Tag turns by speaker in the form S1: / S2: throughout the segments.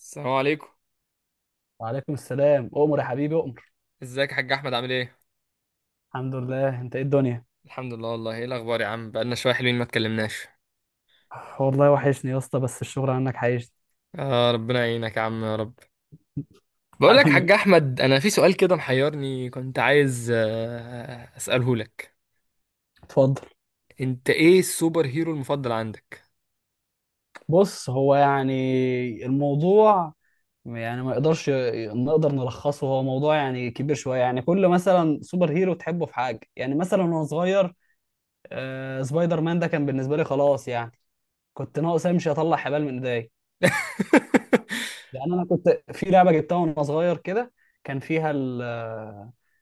S1: السلام عليكم.
S2: وعليكم السلام، أؤمر يا حبيبي أؤمر.
S1: ازيك يا حاج احمد عامل ايه؟
S2: الحمد لله، أنت إيه الدنيا؟
S1: الحمد لله والله ايه الاخبار يا عم بقالنا شويه حلوين ما اتكلمناش.
S2: والله وحشني يا اسطى، بس الشغل عنك عايشني.
S1: اه ربنا يعينك يا عم يا رب. بقول لك يا حاج
S2: حبيبي،
S1: احمد انا في سؤال كده محيرني كنت عايز اساله لك.
S2: اتفضل.
S1: انت ايه السوبر هيرو المفضل عندك؟
S2: بص، هو يعني الموضوع يعني ما يقدرش نقدر نلخصه، هو موضوع يعني كبير شوية، يعني كل مثلا سوبر هيرو تحبه في حاجة، يعني مثلا وأنا صغير آه سبايدر مان ده كان بالنسبة لي خلاص يعني، كنت ناقص امشي اطلع حبال من ايديا. لان انا كنت في لعبه جبتها وانا صغير كده، كان فيها ال،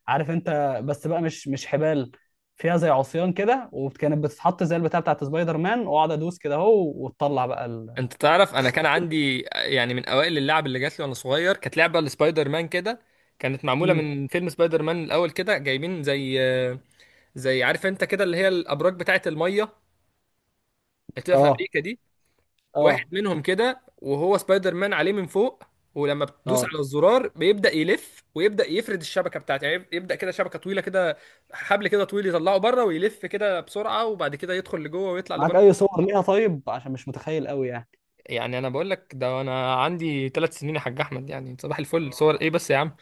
S2: عارف انت، بس بقى مش حبال، فيها زي عصيان كده وكانت بتتحط زي البتاع بتاعت سبايدر مان، واقعد ادوس كده اهو وتطلع بقى ال.
S1: انت تعرف انا كان عندي يعني من اوائل اللعب اللي جات لي وانا صغير كانت لعبه لسبايدر مان كده. كانت معموله
S2: مم.
S1: من فيلم سبايدر مان الاول كده جايبين زي زي، عارف انت كده، اللي هي الابراج بتاعه الميه اللي بتبقى في
S2: اه،
S1: امريكا دي. واحد
S2: اه،
S1: منهم كده وهو سبايدر مان عليه من فوق، ولما بتدوس
S2: اه،
S1: على الزرار بيبدأ يلف ويبدأ يفرد الشبكة بتاعته، يعني يبدأ كده شبكة طويلة كده، حبل كده طويل يطلعه بره ويلف كده بسرعة وبعد كده يدخل لجوه ويطلع
S2: معاك
S1: لبره.
S2: اي صور ليها طيب؟ عشان مش متخيل قوي يعني.
S1: يعني انا بقول لك ده انا عندي ثلاث سنين يا حاج احمد، يعني صباح الفل، صور
S2: آه.
S1: ايه بس يا عم.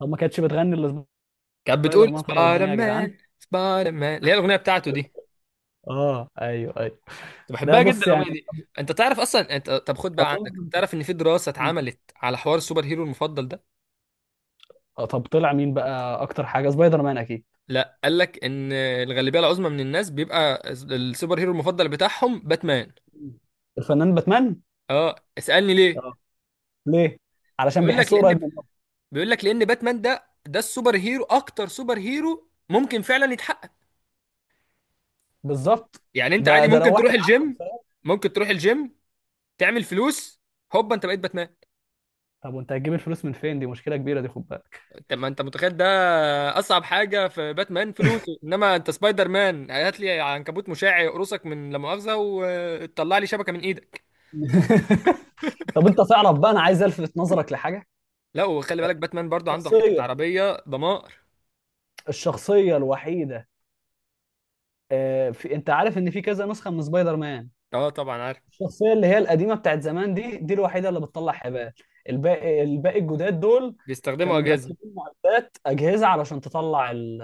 S2: طب ما كانتش بتغني الا
S1: كانت بتقول
S2: سبايدر مان خرب
S1: سبايدر
S2: الدنيا يا جدعان؟
S1: مان سبايدر مان اللي هي الاغنيه بتاعته دي.
S2: اه، ايوه ايوه.
S1: كنت
S2: لا،
S1: بحبها جدا
S2: بص يعني،
S1: الاغنيه دي. انت تعرف اصلا انت، طب خد بقى
S2: اظن.
S1: عندك، تعرف ان في دراسه
S2: مم.
S1: اتعملت على حوار السوبر هيرو المفضل ده؟
S2: طب طلع مين بقى اكتر حاجه؟ سبايدر مان اكيد.
S1: لا، قال لك ان الغالبيه العظمى من الناس بيبقى السوبر هيرو المفضل بتاعهم باتمان.
S2: مم. الفنان باتمان.
S1: اه اسالني ليه.
S2: اه، ليه؟ علشان
S1: بيقول لك
S2: بيحسوه قريب
S1: لان
S2: منهم.
S1: بيقول لك لان باتمان ده السوبر هيرو، اكتر سوبر هيرو ممكن فعلا يتحقق.
S2: بالظبط،
S1: يعني انت
S2: ده
S1: عادي
S2: ده لو
S1: ممكن
S2: واحد
S1: تروح
S2: عاقل
S1: الجيم،
S2: فاهم.
S1: ممكن تروح الجيم تعمل فلوس، هوبا انت بقيت باتمان.
S2: طب وانت هتجيب الفلوس من فين؟ دي مشكله كبيره دي، خد بالك.
S1: انت ما انت متخيل ده، اصعب حاجه في باتمان فلوسه، انما انت سبايدر مان هات لي عنكبوت مشع يقرصك من لا مؤاخذه وتطلع لي شبكه من ايدك.
S2: طب انت تعرف بقى، انا عايز الفت نظرك لحاجه.
S1: لا وخلي بالك باتمان برضو عنده حته
S2: الشخصيه،
S1: عربيه ضمان.
S2: الشخصيه الوحيده، آه، في، انت عارف ان في كذا نسخه من سبايدر مان،
S1: اه طبعا عارف.
S2: الشخصيه اللي هي القديمه بتاعت زمان دي، دي الوحيده اللي بتطلع حبال. الباقي الجداد دول
S1: بيستخدموا
S2: كانوا
S1: اجهزه.
S2: مركبين معدات اجهزه علشان تطلع ال...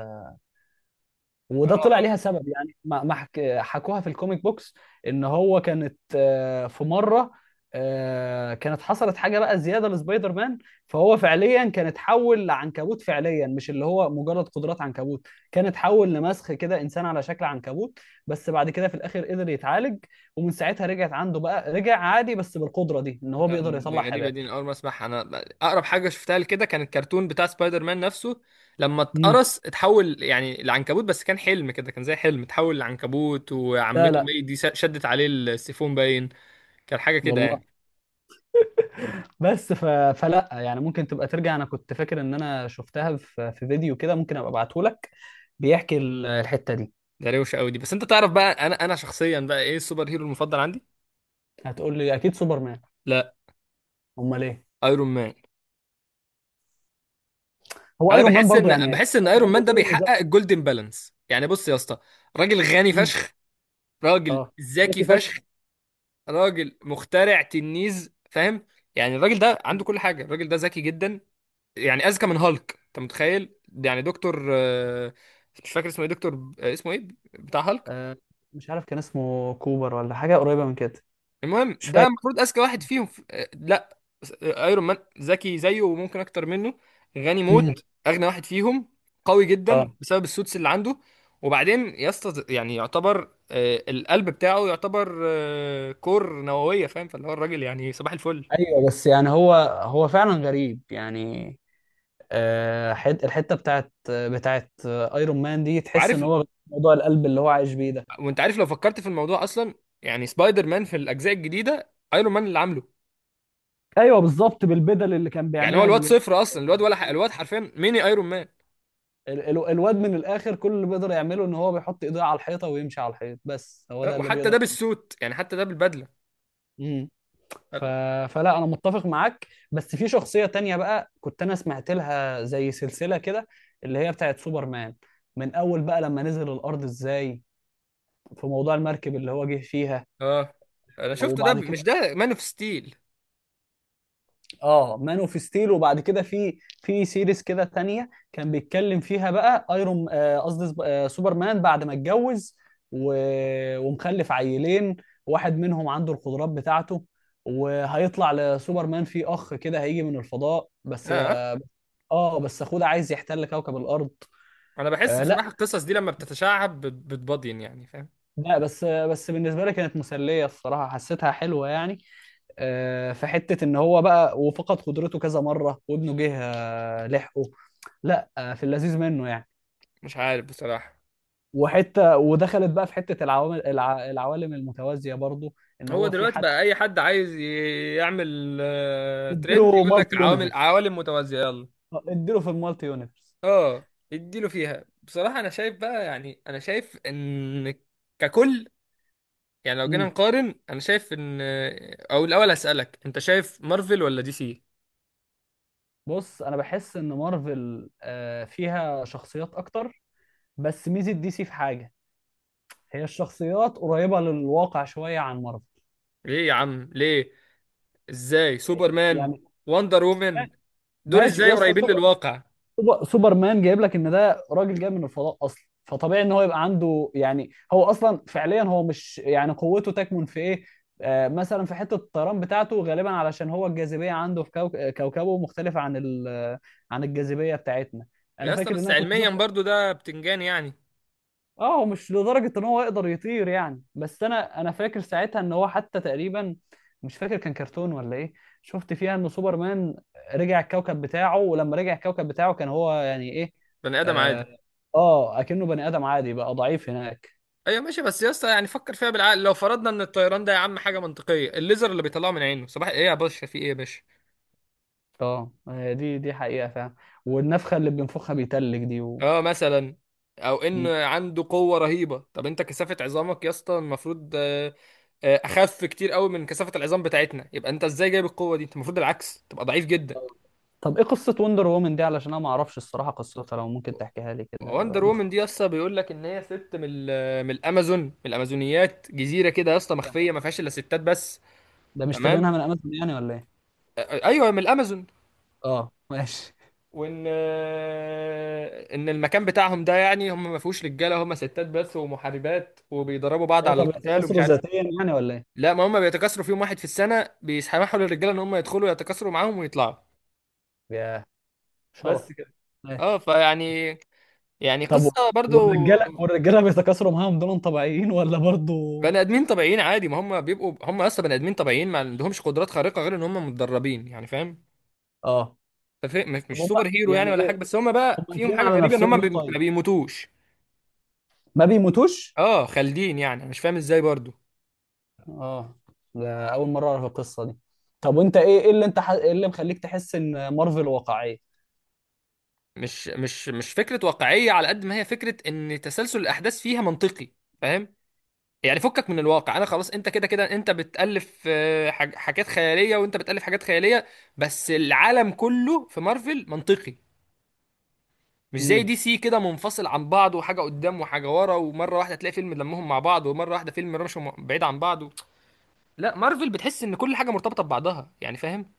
S2: وده طلع
S1: اه.
S2: ليها سبب، يعني ما ما حك... حكوها في الكوميك بوكس، ان هو كانت في مره، كانت حصلت حاجه بقى زياده لسبايدر مان، فهو فعليا كان اتحول لعنكبوت فعليا، مش اللي هو مجرد قدرات عنكبوت، كان اتحول لمسخ كده، انسان على شكل عنكبوت. بس بعد كده في الاخر قدر يتعالج، ومن ساعتها رجعت عنده بقى، رجع عادي بس بالقدره دي، ان هو
S1: لا
S2: بيقدر يطلع
S1: دي غريبه
S2: حبال.
S1: دي، أنا اول ما اسمعها انا. اقرب حاجه شفتها لكده كان الكرتون بتاع سبايدر مان نفسه، لما
S2: مم.
S1: اتقرص اتحول يعني لعنكبوت، بس كان حلم كده، كان زي حلم اتحول لعنكبوت
S2: لا
S1: وعمته
S2: لا
S1: بقى دي شدت عليه السيفون باين. كان حاجه كده يعني.
S2: والله، بس ف... فلا يعني ممكن تبقى ترجع. انا كنت فاكر ان انا شفتها في, في فيديو كده، ممكن ابقى ابعته لك، بيحكي الحتة دي.
S1: ده روشه قوي دي، بس انت تعرف بقى انا شخصيا بقى ايه السوبر هيرو المفضل عندي؟
S2: هتقول لي اكيد سوبرمان؟
S1: لا.
S2: امال ايه؟
S1: ايرون مان.
S2: هو
S1: انا
S2: ايرون مان
S1: بحس
S2: برضو
S1: ان
S2: يعني؟
S1: بحس ان ايرون
S2: بحب
S1: مان ده
S2: فيه انه ذكي.
S1: بيحقق الجولدن بالانس. يعني بص يا اسطى، راجل غني
S2: مم.
S1: فشخ، راجل
S2: اه،
S1: ذكي
S2: ذكي فشخ.
S1: فشخ، راجل مخترع تنيز فاهم. يعني الراجل ده عنده
S2: مم.
S1: كل حاجه، الراجل ده ذكي جدا. يعني اذكى من هالك انت متخيل. يعني دكتور مش فاكر اسمه ايه. دكتور اسمه ايه بتاع هالك.
S2: آه، مش عارف، كان اسمه كوبر ولا حاجة قريبة من كده.
S1: المهم
S2: مش
S1: ده
S2: فاكر.
S1: المفروض اذكى واحد فيهم في... آه، لا س- آه، ايرون مان ذكي زيه وممكن اكتر منه. غني
S2: مم.
S1: موت، اغنى واحد فيهم. قوي جدا
S2: اه،
S1: بسبب السوتس اللي عنده. وبعدين يسطا يعني يعتبر القلب بتاعه يعتبر كور نووية فاهم، فاللي هو الراجل يعني صباح الفل.
S2: ايوه، بس يعني هو، هو فعلا غريب يعني. آه، الحتة بتاعت ايرون مان دي، تحس ان
S1: وعارف،
S2: هو موضوع القلب اللي هو عايش بيه ده.
S1: وانت عارف لو فكرت في الموضوع اصلا، يعني سبايدر مان في الاجزاء الجديده ايرون مان اللي عامله.
S2: ايوه بالظبط، بالبدل اللي كان
S1: يعني هو
S2: بيعملها
S1: الواد
S2: للواد.
S1: صفر اصلا، الواد حرفيا ميني ايرون مان.
S2: الواد من الاخر كل اللي بيقدر يعمله ان هو بيحط ايديه على الحيطه ويمشي على الحيط، بس هو ده اللي
S1: وحتى ده
S2: بيقدر.
S1: بالسوت، يعني حتى ده بالبدله.
S2: امم، ف... فلا، انا متفق معاك، بس في شخصيه تانية بقى كنت انا سمعت لها زي سلسله كده، اللي هي بتاعت سوبرمان. من اول بقى لما نزل الارض ازاي، في موضوع المركب اللي هو جه فيها،
S1: اه انا شفته ده،
S2: وبعد
S1: مش
S2: كده،
S1: ده مان اوف ستيل.
S2: اه، مان اوف ستيل. وبعد كده في في سيريز كده تانية كان بيتكلم فيها بقى ايرون، قصدي سوبرمان بعد ما اتجوز و... ومخلف عيلين، واحد منهم عنده القدرات بتاعته، وهيطلع لسوبرمان في اخ كده هيجي من الفضاء، بس
S1: اه
S2: اه، بس اخوه ده عايز يحتل كوكب الارض.
S1: انا بحس
S2: آه لا،
S1: بصراحه القصص دي لما بتتشعب بتبضين يعني فاهم.
S2: لا بس، بس بالنسبه لي كانت مسليه الصراحه، حسيتها حلوه يعني. آه، في حته ان هو بقى وفقد قدرته كذا مره وابنه جه لحقه. لا في اللذيذ منه يعني.
S1: مش عارف بصراحه.
S2: وحته ودخلت بقى في حته العوامل العوالم المتوازيه برضو، ان
S1: هو
S2: هو في
S1: دلوقتي
S2: حد
S1: بقى اي حد عايز يعمل ترند
S2: اديله
S1: يقول لك
S2: مالتي
S1: عوامل
S2: يونيفرس،
S1: عوالم متوازيه يلا.
S2: اديله في المالتي يونيفرس.
S1: اه اديله فيها بصراحة. انا شايف بقى، يعني انا شايف ان ككل، يعني لو جينا
S2: امم،
S1: نقارن انا شايف ان، او الاول هسألك انت شايف مارفل ولا دي سي؟
S2: بص، انا بحس ان مارفل فيها شخصيات اكتر، بس ميزه دي سي في حاجه، هي الشخصيات قريبه للواقع شويه عن مارفل
S1: ليه يا عم ليه؟ ازاي سوبرمان
S2: يعني.
S1: وندر وومن دول
S2: ماشي
S1: ازاي
S2: يا اسطى،
S1: قريبين للواقع؟
S2: سوبرمان جايب لك ان ده راجل جاي من الفضاء اصلا، فطبيعي ان هو يبقى عنده يعني، هو اصلا فعليا هو مش يعني، قوته تكمن في ايه؟ آه مثلا في حته الطيران بتاعته، غالبا علشان هو الجاذبيه عنده في كوكبه مختلفه عن عن الجاذبيه بتاعتنا. انا
S1: يا اسطى
S2: فاكر ان
S1: بس
S2: انا كنت
S1: علميا
S2: شفت،
S1: برضو ده بتنجان يعني.
S2: اه هو مش لدرجة ان هو يقدر يطير يعني، بس انا فاكر ساعتها ان هو حتى تقريبا، مش فاكر كان كرتون ولا ايه، شفت فيها ان سوبرمان رجع الكوكب بتاعه، ولما رجع الكوكب بتاعه كان هو يعني ايه،
S1: بني ادم عادي.
S2: اه، آه، اكنه بني ادم عادي بقى، ضعيف هناك.
S1: ايوه ماشي بس يا اسطى يعني فكر فيها بالعقل، لو فرضنا ان الطيران ده يا عم حاجة منطقية، الليزر اللي بيطلعه من عينه صباح ايه يا باشا؟ في ايه يا باشا؟
S2: اه، هي دي دي حقيقة فعلا، والنفخة اللي بينفخها بيتلج دي و...
S1: اه مثلا، او ان
S2: م.
S1: عنده قوه رهيبه، طب انت كثافه عظامك يا اسطى المفروض اخف كتير قوي من كثافه العظام بتاعتنا، يبقى انت ازاي جايب القوه دي؟ انت المفروض العكس تبقى ضعيف جدا.
S2: آه. طب ايه قصة وندر وومن دي؟ علشان انا ما اعرفش الصراحة قصتها، لو ممكن تحكيها لي كده
S1: وندر وومن دي يا
S2: باختصار.
S1: اسطى بيقول لك ان هي ست من الامازون، من الامازونيات، جزيره كده يا اسطى مخفيه ما فيهاش الا ستات بس.
S2: ده
S1: تمام
S2: مشتريينها من امازون يعني ولا ايه؟
S1: ايوه من الامازون.
S2: اه ماشي.
S1: وان ان المكان بتاعهم ده يعني هم ما فيهوش رجاله، هم ستات بس ومحاربات وبيدربوا بعض
S2: ايه
S1: على
S2: طب
S1: القتال ومش
S2: بتتأثروا
S1: عارف.
S2: ذاتيا يعني ولا ايه؟
S1: لا ما هم بيتكاثروا في يوم واحد في السنة بيسمحوا للرجالة ان هم يدخلوا يتكاثروا معاهم ويطلعوا.
S2: يا شرف.
S1: بس كده.
S2: ايه؟
S1: اه فيعني، يعني
S2: طب
S1: قصة برضو.
S2: والرجاله والرجاله بيتكاثروا معاهم دول طبيعيين ولا برضو؟
S1: بني ادمين طبيعيين عادي، ما هم بيبقوا هم اصلا بني ادمين طبيعيين ما عندهمش قدرات خارقة غير ان هم متدربين يعني فاهم.
S2: اه.
S1: مش
S2: طب
S1: مش
S2: هم
S1: سوبر هيرو يعني
S2: يعني
S1: ولا حاجة،
S2: ايه،
S1: بس هم
S2: هم
S1: بقى فيهم
S2: قافلين
S1: حاجة
S2: على
S1: غريبة ان
S2: نفسهم
S1: هم
S2: ليه
S1: ما
S2: طيب؟
S1: بيموتوش.
S2: ما بيموتوش؟
S1: اه خالدين يعني، أنا مش فاهم ازاي برضو.
S2: اه، ده اول مره اعرف القصه دي. طب وانت ايه، ايه اللي انت ايه اللي مخليك تحس ان مارفل واقعيه؟
S1: مش فكرة واقعية على قد ما هي فكرة ان تسلسل الاحداث فيها منطقي فاهم. يعني فكك من الواقع انا خلاص، انت كده كده انت بتألف حاجات خيالية، وانت بتألف حاجات خيالية. بس العالم كله في مارفل منطقي. مش زي
S2: مم.
S1: دي سي كده منفصل عن بعض، وحاجة قدام وحاجة ورا، ومرة واحدة تلاقي فيلم لمهم مع بعض، ومرة واحدة فيلم رمشوا بعيد عن بعض و... لا مارفل بتحس ان كل حاجة مرتبطة ببعضها يعني فاهم.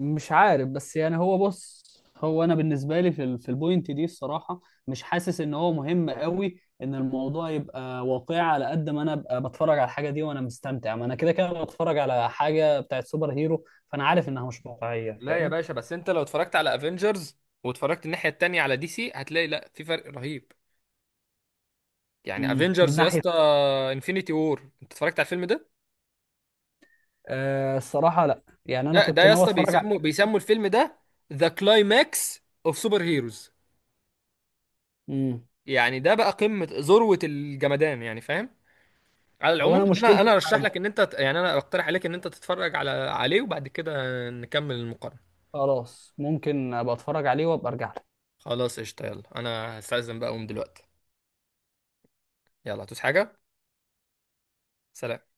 S2: مش عارف، بس يعني هو بص، هو انا بالنسبه لي في في البوينت دي الصراحه، مش حاسس ان هو مهم قوي ان الموضوع يبقى واقعي، على قد ما انا ابقى بتفرج على الحاجه دي وانا مستمتع، ما انا كده كده بتفرج على حاجه بتاعت سوبر هيرو، فانا عارف انها مش واقعيه
S1: لا يا
S2: فاهم.
S1: باشا، بس انت لو اتفرجت على افنجرز واتفرجت الناحية التانية على دي سي هتلاقي لا في فرق رهيب. يعني
S2: امم، من
S1: افنجرز يا
S2: ناحيه،
S1: اسطى، انفينيتي وور، انت اتفرجت على الفيلم ده؟
S2: آه الصراحه لا، يعني انا
S1: ده
S2: كنت
S1: يا
S2: ناوي
S1: اسطى
S2: اتفرج على
S1: بيسموا
S2: الحاجه دي.
S1: بيسموا الفيلم ده ذا كلايماكس اوف سوبر هيروز.
S2: امم،
S1: يعني ده بقى قمة ذروة الجمدان يعني فاهم. على
S2: هو
S1: العموم
S2: انا
S1: انا
S2: مشكلتي
S1: انا
S2: في
S1: ارشح
S2: حاجه،
S1: لك ان انت يعني انا اقترح عليك ان انت تتفرج على عليه وبعد كده نكمل المقارنة.
S2: خلاص ممكن ابقى اتفرج عليه وابقى ارجع.
S1: خلاص قشطة، يلا انا هستأذن بقى اقوم دلوقتي. يلا هتوس حاجة. سلام.